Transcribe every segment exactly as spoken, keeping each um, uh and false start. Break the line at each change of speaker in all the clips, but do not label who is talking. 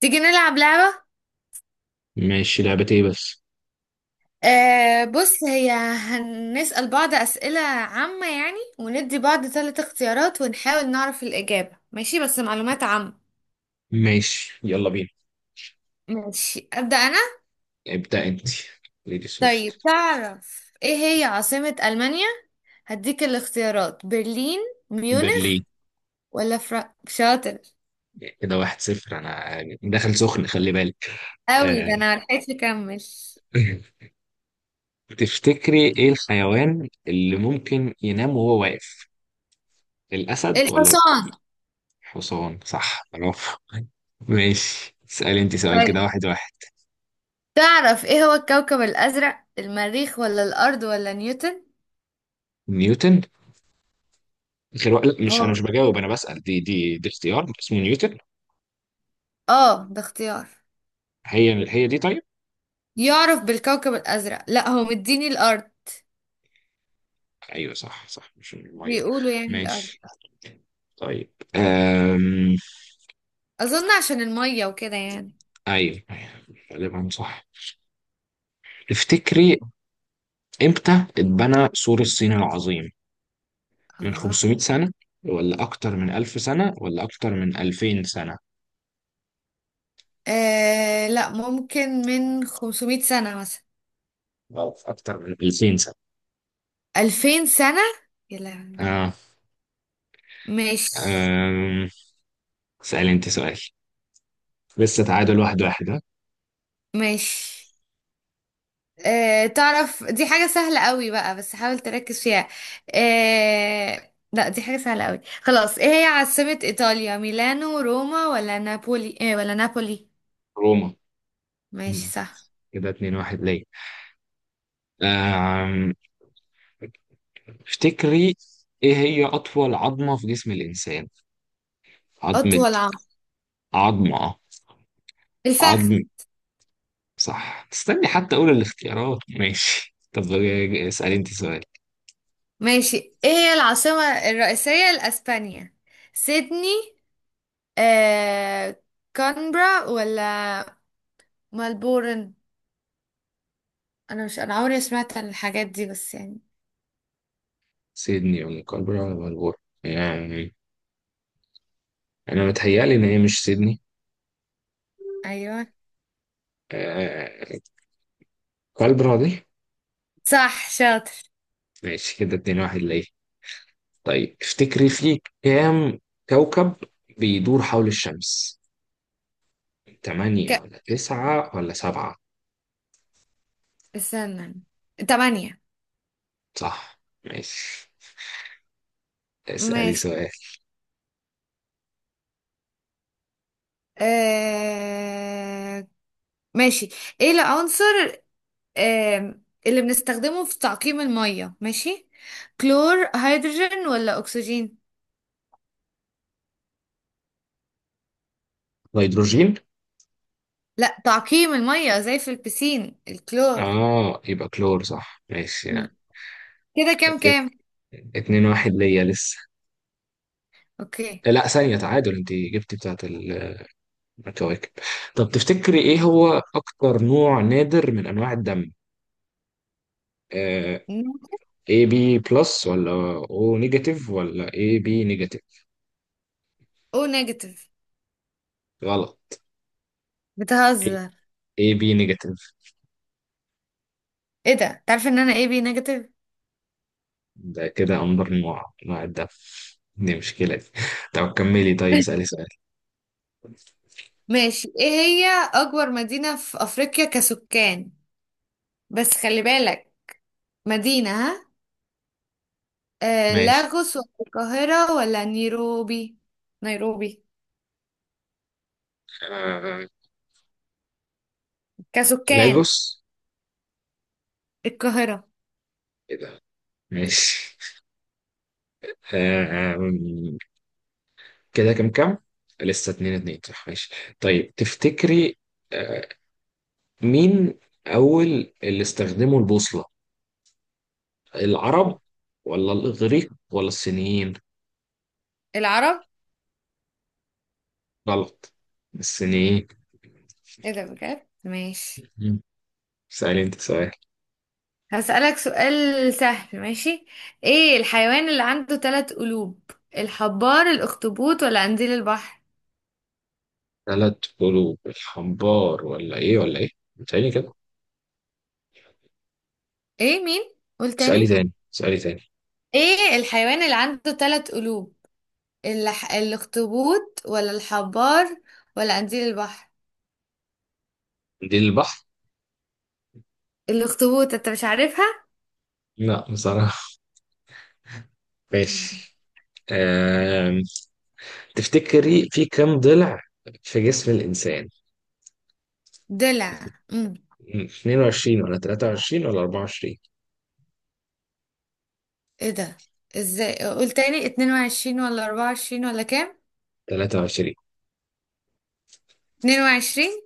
تيجي نلعب لعبة.
ماشي، لعبة ايه بس؟
آه، بص، هي هنسأل بعض أسئلة عامة يعني وندي بعض ثلاث اختيارات ونحاول نعرف الإجابة ماشي؟ بس معلومات عامة.
ماشي يلا بينا.
ماشي، أبدأ أنا.
ابدأ انت. ليديز
طيب،
فيرست.
تعرف إيه هي عاصمة ألمانيا؟ هديك الاختيارات: برلين، ميونخ،
برلين.
ولا فرانك شاطر؟
كده واحد صفر، انا داخل سخن خلي بالك.
أوي!
آه.
ده أنا ملحقتش أكمل.
تفتكري ايه الحيوان اللي ممكن ينام وهو واقف؟ الاسد ولا
الحصان.
الحصان؟ صح، برافو. ماشي اسألي انت سؤال،
طيب،
كده واحد واحد.
تعرف إيه هو الكوكب الأزرق؟ المريخ ولا الأرض ولا نيوتن؟
نيوتن. غير وا- لا مش انا،
هو.
مش بجاوب انا بسأل، دي دي دي اختيار اسمه نيوتن.
آه ده اختيار.
هي هي دي طيب.
يعرف بالكوكب الأزرق؟ لا، هو مديني الأرض.
ايوه صح صح، مش الميه.
بيقولوا يعني الأرض.
ماشي. طيب أم...
أظن عشان المية وكده يعني.
أيوه غالبا صح. تفتكري إمتى اتبنى سور الصين العظيم؟ من
اه،
خمسمية سنة ولا أكتر من ألف سنة ولا أكتر من ألفين سنة؟
آه، لا، ممكن من خمسمية سنة مثلا.
أو أكتر من ألفين سنة.
ألفين سنة. يا لهوي!
آه.
ماشي.
أم... سألي أنت سؤال. لسه تعادل واحد واحد ها؟
ماشي. آه تعرف، دي حاجة سهلة قوي بقى، بس حاول تركز فيها. آه لا، دي حاجة سهلة قوي. خلاص، ايه هي عاصمة إيطاليا؟ ميلانو، روما، ولا نابولي، ايه، ولا نابولي؟
روما.
ماشي،
مم.
صح.
كده اتنين واحد ليه. أم... تفتكري إيه هي أطول عظمة في جسم الإنسان؟ عظمة.
أطول عام.
عظمة.
الفخذ.
عظمة. صح، استني حتى أقول الاختيارات. ماشي طب، آه، اسألي أنت سؤال.
ماشي، ايه هي العاصمة الرئيسية لأسبانيا؟ سيدني، آه... كانبرا، ولا ملبورن؟ انا مش، انا عمري ما سمعت عن الحاجات دي بس يعني.
سيدني ولا كالبرا ولا ملبورن؟ يعني أنا متهيألي إن هي مش سيدني.
ايوه،
آه... كالبرا دي.
صح، شاطر.
ماشي، كده اتنين واحد ليه. طيب افتكري، في كام كوكب بيدور حول الشمس؟
ك...
تمانية ولا تسعة ولا سبعة؟
استنى. تمانية.
صح. ماشي اسألي
ماشي.
سؤال.
آه... ماشي، ايه العنصر آه... اللي بنستخدمه في تعقيم المية؟ ماشي، كلور، هيدروجين، ولا اكسجين؟
الهيدروجين.
لا، تعقيم المية زي في البسين الكلور.
اه يبقى كلور، صح ماشي
مم.
يعني.
كده كام
كده
كام؟
اتنين واحد ليا لسه.
اوكي.
لا ثانية، تعادل، انت جبتي بتاعت ال- الكواكب. طب تفتكري ايه هو اكتر نوع نادر من انواع الدم؟ آه A B بلس ولا O نيجاتيف ولا A B نيجاتيف؟
او نيجاتيف.
غلط.
بتهزر.
اي بي نيجاتيف.
ايه ده! تعرف ان انا ايه بي نيجاتيف.
ده كده اندر نوع نوع الدم دي، مشكلة دي. طب كملي، طيب اسألي سؤال.
ماشي، ايه هي اكبر مدينة في افريقيا كسكان؟ بس خلي بالك، مدينة ها. آه
ماشي.
لاغوس، ولا القاهرة، ولا نيروبي؟ نيروبي.
آه
كسكان.
لاجوس.
القاهرة.
ايه ده. ماشي. آه آم، كده كم كم؟ لسه اتنين اتنين صح، ماشي. طيب تفتكري، آه، مين أول اللي استخدموا البوصلة؟ العرب ولا الإغريق ولا الصينيين؟
العرب.
غلط، الصينيين.
ايه ده! بجد. ماشي.
مم. اسألي أنت سؤال.
هسألك سؤال سهل، ماشي. ايه الحيوان اللي عنده ثلاث قلوب؟ الحبار، الاخطبوط، ولا قنديل البحر؟
تلات قلوب، الحنبار ولا إيه ولا إيه؟ اسألي كده.
ايه؟ مين؟ قول
اسألي
تاني.
تاني اسألي تاني.
ايه الحيوان اللي عنده ثلاث قلوب؟ الح... الاخطبوط، ولا الحبار، ولا قنديل البحر؟
دي البحر؟
الاخطبوط. انت مش عارفها.
لا بصراحة.
مم.
ماشي. أم... تفتكري في كم ضلع في جسم الإنسان؟
ضلع. امم
مم. اتنين وعشرين ولا تلاتة وعشرين ولا اربعة وعشرين؟
ايه ده! ازاي؟ قول تاني. اتنين وعشرين ولا اربعة وعشرين ولا كام؟
تلاتة وعشرين.
اتنين وعشرين.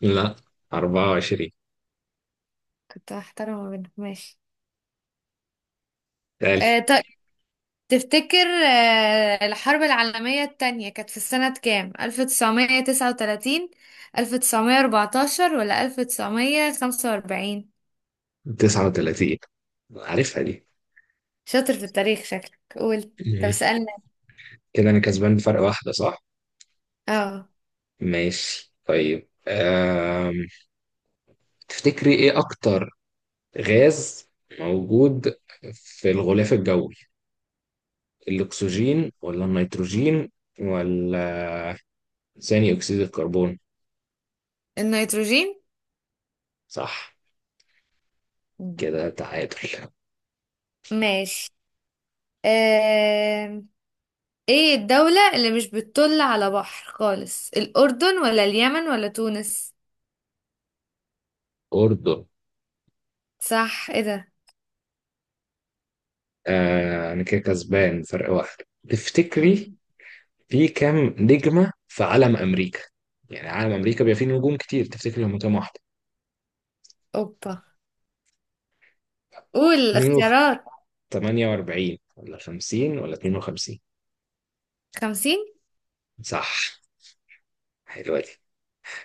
لا، اربعة وعشرين.
كنت هحترمه منك، ماشي.
تالي.
آه تفتكر، آه، الحرب العالمية التانية كانت في السنة كام؟ ألف وتسعمية وتسعة وتلاتين، ألف وتسعمئة وأربعة عشر، ولا ألف وتسعمية وخمسة واربعين؟
تسعة وثلاثون، عارفها دي.
شاطر في التاريخ شكلك. قول. طب
مم.
اسألنا.
كده انا كسبان بفرق واحدة صح.
اه،
ماشي طيب، أم... تفتكري ايه اكتر غاز موجود في الغلاف الجوي؟ الاكسجين ولا النيتروجين ولا ثاني اكسيد الكربون؟
النيتروجين.
صح، كده تعادل.
ماشي. آه... ايه الدولة اللي مش بتطل على بحر خالص؟ الأردن، ولا اليمن، ولا تونس؟
اردن.
صح! ايه ده!
آه انا كده كسبان فرق واحد. تفتكري في كام نجمة في علم امريكا؟ يعني علم امريكا بيبقى فيه نجوم كتير، تفتكري هم كام واحدة؟
اوبا! قول الاختيارات.
تمانية واربعين ولا خمسين ولا اتنين وخمسين؟
خمسين.
صح، حلوة دي.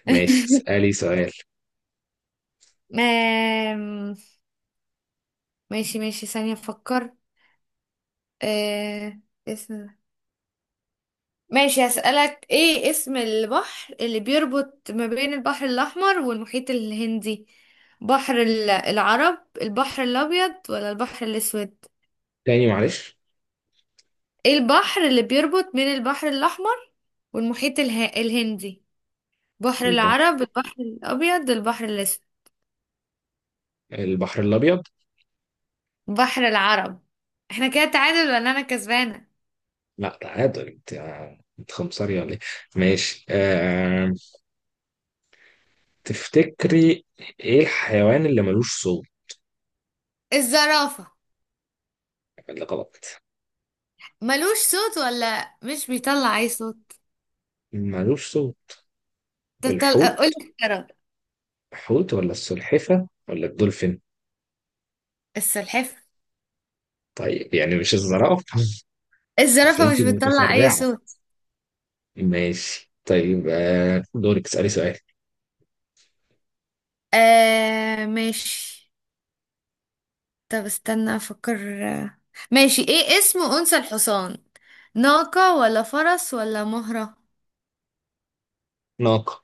ماشي اسألي سؤال.
آم، ماشي. ماشي، ثانية أفكر. آه... اسم ماشي، هسألك ايه اسم البحر اللي بيربط ما بين البحر الأحمر والمحيط الهندي؟ بحر ال- العرب، البحر الأبيض، ولا البحر الأسود؟
تاني معلش.
ايه البحر اللي بيربط بين البحر الأحمر والمحيط اله... الهندي؟ بحر
البحر،
العرب، البحر الأبيض، البحر الأسود؟
البحر الأبيض.
بحر العرب. احنا كده تعادل ولا أنا كسبانة؟
لا تعادل انت، انت خمسري ولا ايه؟ ماشي. آه... تفتكري ايه الحيوان اللي ملوش صوت؟
الزرافة.
اللي غلط.
ملوش صوت ولا مش بيطلع أي صوت؟
ملوش صوت.
تطل... اقول
الحوت.
لك الزرافة.
الحوت ولا السلحفة ولا الدولفين؟
السلحفة.
طيب يعني مش الزرافة. مش
الزرافة
انت
مش بتطلع اي
متسرعة.
صوت.
ماشي طيب، آه... دورك اسألي سؤال.
آه ماشي. طب استنى افكر. آه، ماشي، ايه اسم انثى الحصان؟ ناقة، ولا فرس، ولا مهرة؟
ناقة.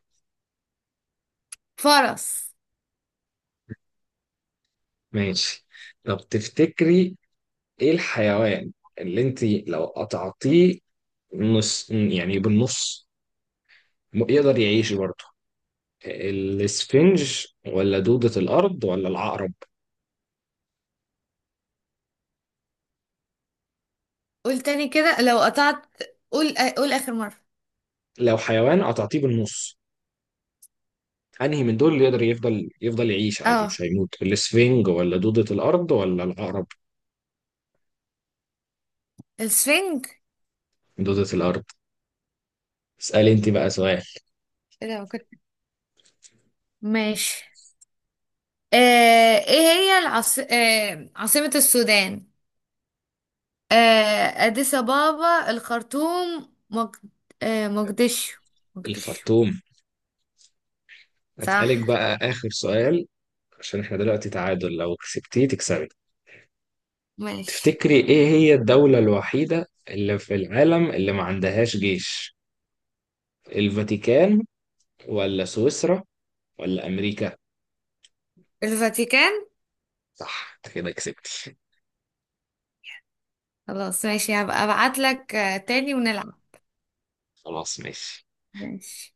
فرس.
ماشي. طب تفتكري ايه الحيوان اللي انت لو قطعتيه نص، يعني بالنص، م- يقدر يعيش برضه؟ الاسفنج ولا دودة الارض ولا العقرب؟
قول تاني. كده لو قطعت. قول، قول اخر مرة.
لو حيوان قطعتيه بالنص، انهي من دول اللي يقدر يفضل يفضل يعيش عادي
اه،
مش هيموت؟ الاسفنج ولا دودة الارض ولا العقرب؟
السفنج.
دودة الارض. اسألي انت بقى سؤال.
إيه ده! ما كنت. ماشي. آه ايه هي العاص... آه عاصمة السودان؟ آه، أديس أبابا، الخرطوم، مج... آه، مقدشو، مقدشو؟
الخرطوم.
صح.
اسألك بقى اخر سؤال، عشان احنا دلوقتي تعادل، لو كسبتيه تكسبي.
ماشي.
تفتكري ايه هي الدولة الوحيدة اللي في العالم اللي ما عندهاش جيش؟ الفاتيكان ولا سويسرا ولا امريكا؟
الفاتيكان.
صح، انت كده كسبتي.
خلاص، ماشي، هبقى ابعت لك تاني ونلعب.
خلاص ماشي.
ماشي.